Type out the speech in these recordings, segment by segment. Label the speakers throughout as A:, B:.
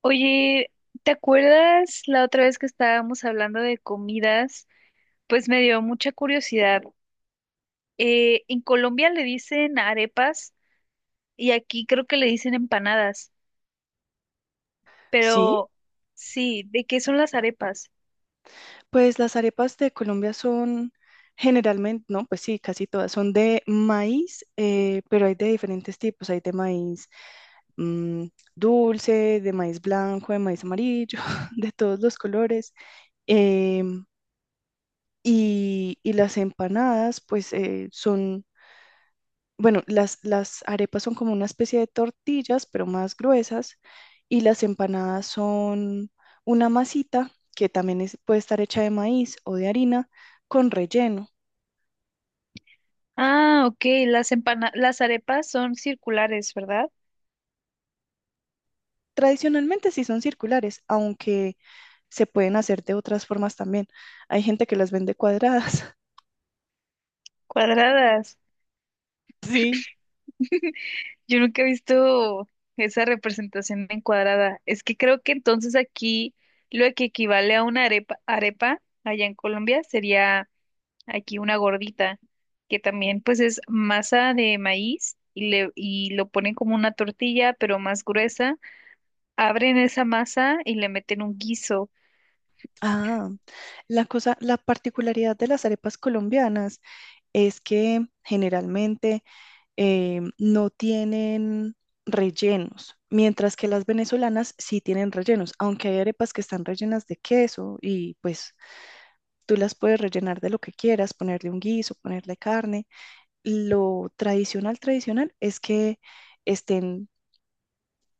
A: Oye, ¿te acuerdas la otra vez que estábamos hablando de comidas? Pues me dio mucha curiosidad. En Colombia le dicen arepas y aquí creo que le dicen empanadas,
B: Sí,
A: pero sí, ¿de qué son las arepas?
B: pues las arepas de Colombia son generalmente, no, pues sí, casi todas son de maíz, pero hay de diferentes tipos. Hay de maíz mm, dulce, de maíz blanco, de maíz amarillo, de todos los colores. em, y las empanadas, pues son. Bueno, las arepas son como una especie de tortillas, pero más gruesas, y las empanadas son una masita que también puede estar hecha de maíz o de harina con relleno.
A: Ah, ok, las arepas son circulares, ¿verdad?
B: Tradicionalmente sí son circulares, aunque se pueden hacer de otras formas también. Hay gente que las vende cuadradas.
A: Cuadradas.
B: Sí.
A: Yo nunca he visto esa representación en cuadrada. Es que creo que entonces aquí lo que equivale a una arepa allá en Colombia sería aquí una gordita, que también pues es masa de maíz y lo ponen como una tortilla, pero más gruesa. Abren esa masa y le meten un guiso.
B: Ah, la cosa, la particularidad de las arepas colombianas es que generalmente no tienen rellenos, mientras que las venezolanas sí tienen rellenos, aunque hay arepas que están rellenas de queso y pues tú las puedes rellenar de lo que quieras, ponerle un guiso, ponerle carne. Lo tradicional, tradicional es que estén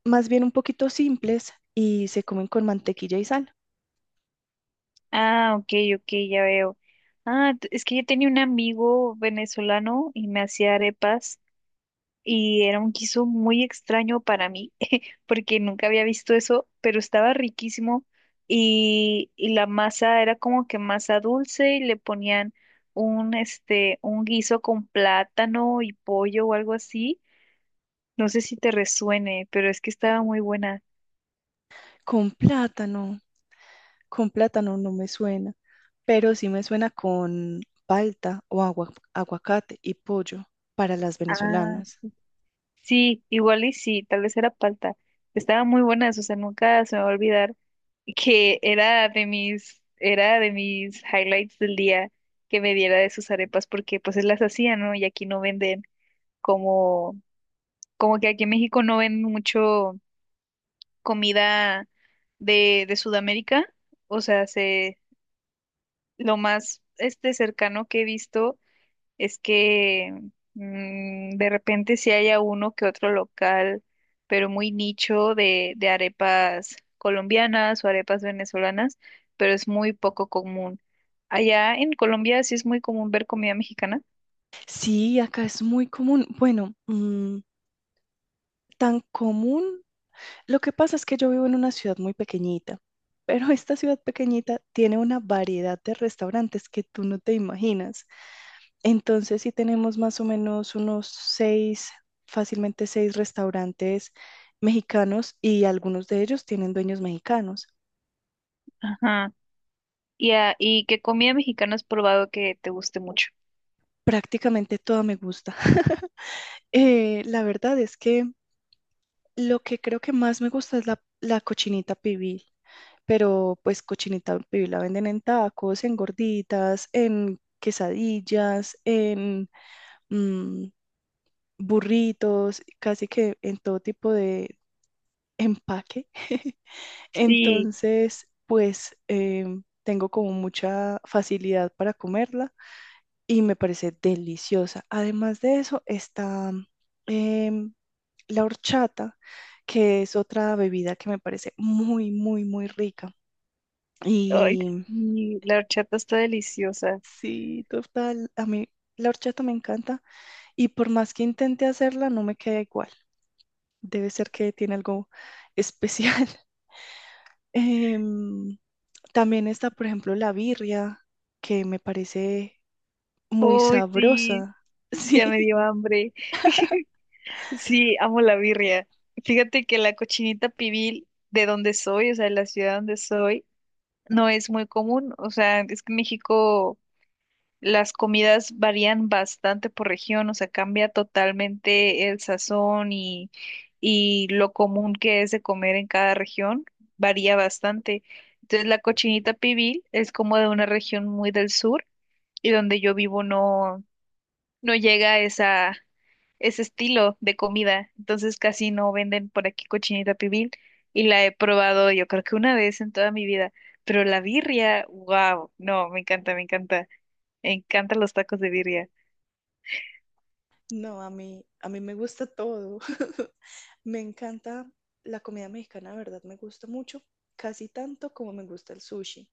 B: más bien un poquito simples y se comen con mantequilla y sal,
A: Ah, ok, ok, ya veo. Ah, es que yo tenía un amigo venezolano y me hacía arepas y era un guiso muy extraño para mí porque nunca había visto eso, pero estaba riquísimo y la masa era como que masa dulce y le ponían un, este, un guiso con plátano y pollo o algo así. No sé si te resuene, pero es que estaba muy buena.
B: con plátano, con plátano no me suena, pero sí me suena con palta o aguacate y pollo para las
A: Ah,
B: venezolanas.
A: sí, igual y sí, tal vez era palta. Estaba muy buena, o sea, nunca se me va a olvidar que era era de mis highlights del día que me diera de sus arepas porque pues él las hacía, ¿no? Y aquí no venden. como, como que aquí en México no ven mucho comida de Sudamérica. O sea, lo más este cercano que he visto es que de repente sí haya uno que otro local, pero muy nicho de arepas colombianas o arepas venezolanas, pero es muy poco común. Allá en Colombia sí es muy común ver comida mexicana.
B: Sí, acá es muy común. Bueno, tan común. Lo que pasa es que yo vivo en una ciudad muy pequeñita, pero esta ciudad pequeñita tiene una variedad de restaurantes que tú no te imaginas. Entonces, sí tenemos más o menos unos seis, fácilmente seis restaurantes mexicanos y algunos de ellos tienen dueños mexicanos.
A: Ajá. Y, ¿y qué comida mexicana has probado que te guste mucho?
B: Prácticamente toda me gusta. La verdad es que lo que creo que más me gusta es la cochinita pibil. Pero pues cochinita pibil la venden en tacos, en gorditas, en quesadillas, en mm, burritos, casi que en todo tipo de empaque.
A: Sí.
B: Entonces, pues tengo como mucha facilidad para comerla y me parece deliciosa. Además de eso, está em, la horchata, que es otra bebida que me parece muy, muy, muy rica.
A: Ay,
B: Y
A: sí, la horchata está deliciosa.
B: sí, total. A mí la horchata me encanta y por más que intente hacerla, no me queda igual. Debe ser que tiene algo especial. Em, también está, por ejemplo, la birria, que me parece muy
A: Uy sí,
B: sabrosa.
A: ya me
B: Sí,
A: dio hambre. Sí, amo la birria. Fíjate que la cochinita pibil de donde soy, o sea, de la ciudad donde soy, no es muy común. O sea, es que en México las comidas varían bastante por región, o sea, cambia totalmente el sazón y lo común que es de comer en cada región, varía bastante. Entonces, la cochinita pibil es como de una región muy del sur y donde yo vivo no, no llega esa, ese estilo de comida, entonces casi no venden por aquí cochinita pibil y la he probado yo creo que una vez en toda mi vida, pero la birria, wow, no, me encanta, me encanta, me encantan los tacos de birria.
B: no, a mí me gusta todo. Me encanta la comida mexicana, de verdad, me gusta mucho, casi tanto como me gusta el sushi.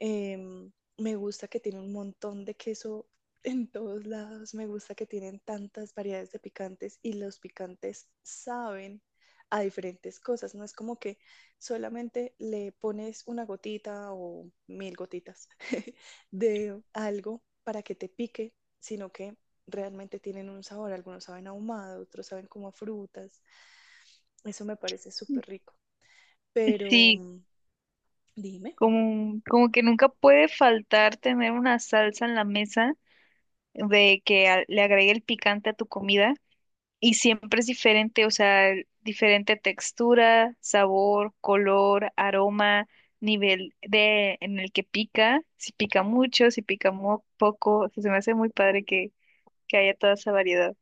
B: Em, me gusta que tiene un montón de queso en todos lados. Me gusta que tienen tantas variedades de picantes y los picantes saben a diferentes cosas. No es como que solamente le pones una gotita o mil gotitas de algo para que te pique, sino que realmente tienen un sabor. Algunos saben a ahumado, otros saben como a frutas. Eso me parece súper rico. Pero
A: Sí,
B: dime.
A: como, como que nunca puede faltar tener una salsa en la mesa de que le agregue el picante a tu comida. Y siempre es diferente, o sea, diferente textura, sabor, color, aroma, nivel de en el que pica, si pica mucho, si pica muy poco, o sea, se me hace muy padre que haya toda esa variedad.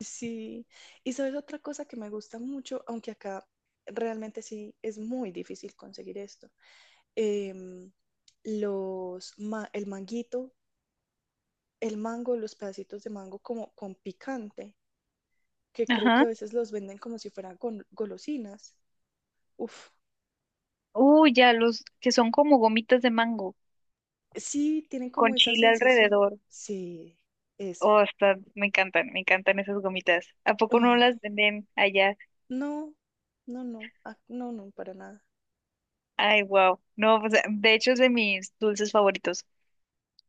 B: Sí, y sabes otra cosa que me gusta mucho, aunque acá realmente sí es muy difícil conseguir esto. em, el manguito, el mango, los pedacitos de mango como con picante, que creo que
A: Ajá.
B: a veces los venden como si fueran golosinas. Uf,
A: Uy, ya, los que son como gomitas de mango,
B: sí, tienen como
A: con
B: esa
A: chile
B: sensación.
A: alrededor.
B: Sí, eso.
A: Oh, está, me encantan esas gomitas. ¿A poco no
B: Ay,
A: las venden allá?
B: no, no, no, no, no, para nada.
A: Ay, wow. No, o sea, de hecho es de mis dulces favoritos.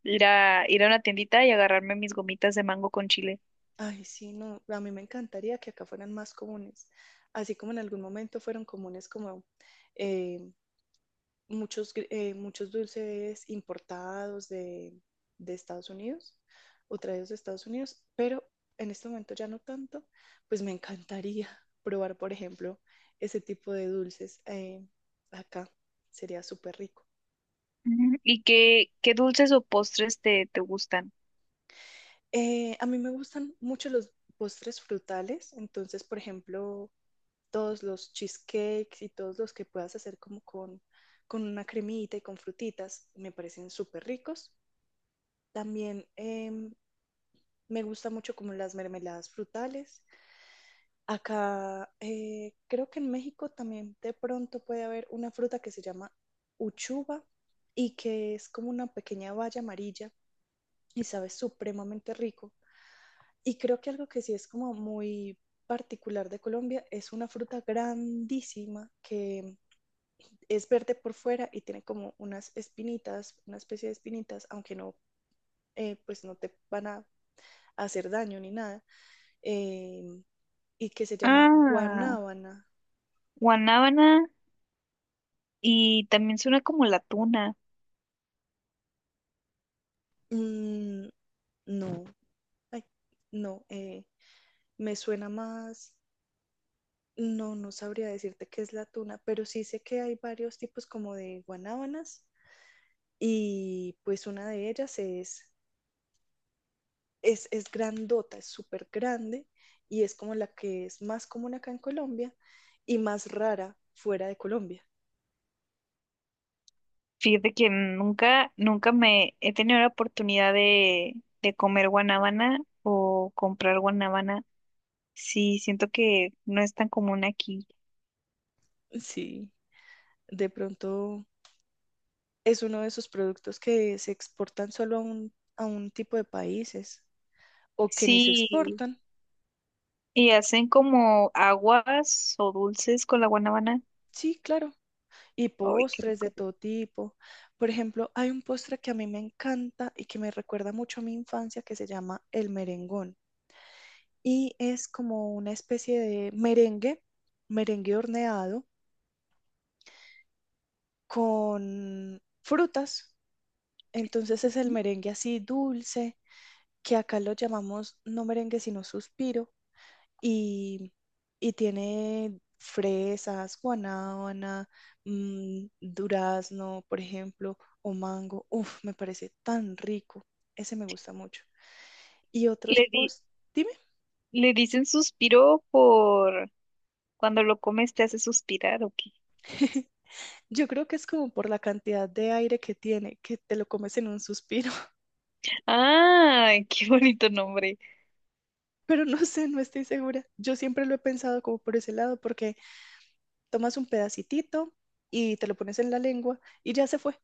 A: Ir a, ir a una tiendita y agarrarme mis gomitas de mango con chile.
B: Ay, sí, no, a mí me encantaría que acá fueran más comunes, así como en algún momento fueron comunes como eh, muchos dulces importados de Estados Unidos o traídos de Estados Unidos, pero en este momento ya no tanto, pues me encantaría probar, por ejemplo, ese tipo de dulces acá, sería súper rico.
A: Ujú. ¿Y qué, qué dulces o postres te, te gustan?
B: A mí me gustan mucho los postres frutales, entonces, por ejemplo, todos los cheesecakes y todos los que puedas hacer como con una cremita y con frutitas, me parecen súper ricos. También me gusta mucho como las mermeladas frutales. Acá creo que en México también de pronto puede haber una fruta que se llama uchuva y que es como una pequeña baya amarilla y sabe supremamente rico. Y creo que algo que sí es como muy particular de Colombia es una fruta grandísima que es verde por fuera y tiene como unas espinitas, una especie de espinitas, aunque no, pues no te van a hacer daño ni nada, eh, y que se llama
A: Ah,
B: guanábana.
A: guanábana y también suena como la tuna.
B: Mm, no, ay, no, me suena más, no, no sabría decirte qué es la tuna, pero sí sé que hay varios tipos como de guanábanas y pues una de ellas es grandota, es súper grande y es como la que es más común acá en Colombia y más rara fuera de Colombia.
A: Fíjate que nunca, nunca me he tenido la oportunidad de comer guanábana o comprar guanábana. Sí, siento que no es tan común aquí.
B: Sí, de pronto es uno de esos productos que se exportan solo a a un tipo de países o que ni se
A: Sí,
B: exportan.
A: y hacen como aguas o dulces con la guanábana.
B: Sí, claro. Y
A: Ay, qué
B: postres de
A: rico.
B: todo tipo. Por ejemplo, hay un postre que a mí me encanta y que me recuerda mucho a mi infancia que se llama el merengón. Y es como una especie de merengue, merengue horneado con frutas. Entonces es el merengue así dulce, que acá lo llamamos no merengue sino suspiro, y, y tiene fresas, guanábana, durazno, por ejemplo, o mango. Uf, me parece tan rico. Ese me gusta mucho. Y otros
A: Le di-
B: post, dime.
A: Le dicen suspiro por cuando lo comes te hace suspirar, ¿o qué?
B: Yo creo que es como por la cantidad de aire que tiene, que te lo comes en un suspiro.
A: ¡Ay, qué bonito nombre!
B: Pero no sé, no estoy segura. Yo siempre lo he pensado como por ese lado, porque tomas un pedacitito y te lo pones en la lengua y ya se fue.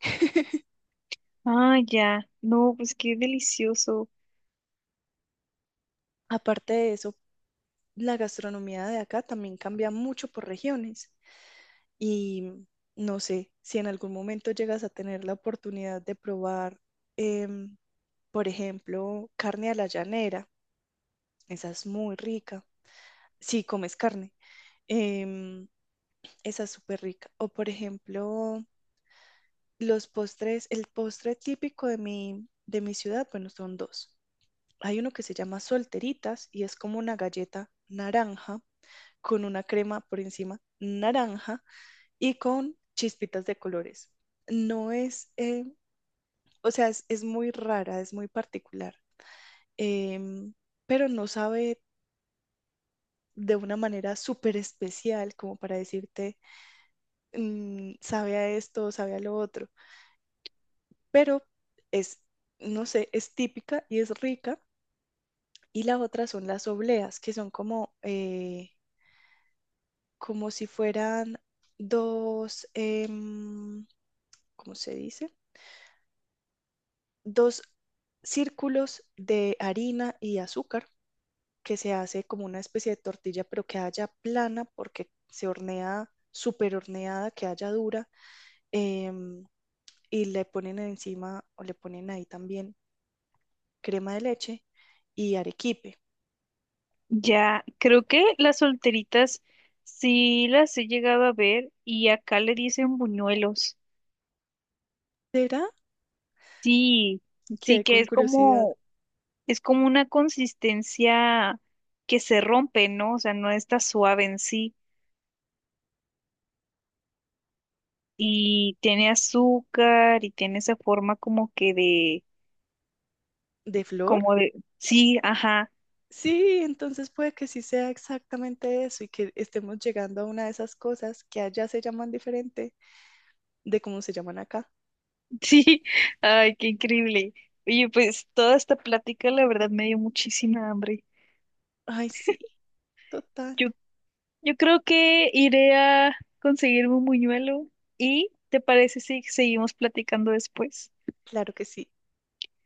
A: Ah, ya. No, pues qué delicioso.
B: Aparte de eso, la gastronomía de acá también cambia mucho por regiones y no sé si en algún momento llegas a tener la oportunidad de probar, em, por ejemplo, carne a la llanera. Esa es muy rica. Si comes carne, em, esa es súper rica. O por ejemplo, los postres, el postre típico de de mi ciudad, bueno, son dos. Hay uno que se llama solteritas y es como una galleta naranja con una crema por encima naranja y con chispitas de colores. No es, o sea, es muy rara, es muy particular, em, pero no sabe de una manera súper especial como para decirte, sabe a esto, sabe a lo otro, pero es, no sé, es típica y es rica y la otra son las obleas, que son como, como si fueran dos, ¿cómo se dice? Dos círculos de harina y azúcar que se hace como una especie de tortilla, pero que haya plana porque se hornea súper horneada, que haya dura, em, y le ponen encima o le ponen ahí también crema de leche y arequipe.
A: Ya, creo que las solteritas sí las he llegado a ver y acá le dicen buñuelos.
B: ¿Será
A: Sí, sí
B: que
A: que
B: con curiosidad
A: es como una consistencia que se rompe, ¿no? O sea, no está suave en sí y tiene azúcar y tiene esa forma como que de.
B: de flor?
A: Como de, sí, ajá,
B: Sí, entonces puede que sí sea exactamente eso y que estemos llegando a una de esas cosas que allá se llaman diferente de cómo se llaman acá.
A: sí, ay, qué increíble. Oye, pues toda esta plática la verdad me dio muchísima hambre.
B: Ay, sí, total,
A: Yo, yo creo que iré a conseguirme un buñuelo y ¿te parece si seguimos platicando después?
B: claro que sí.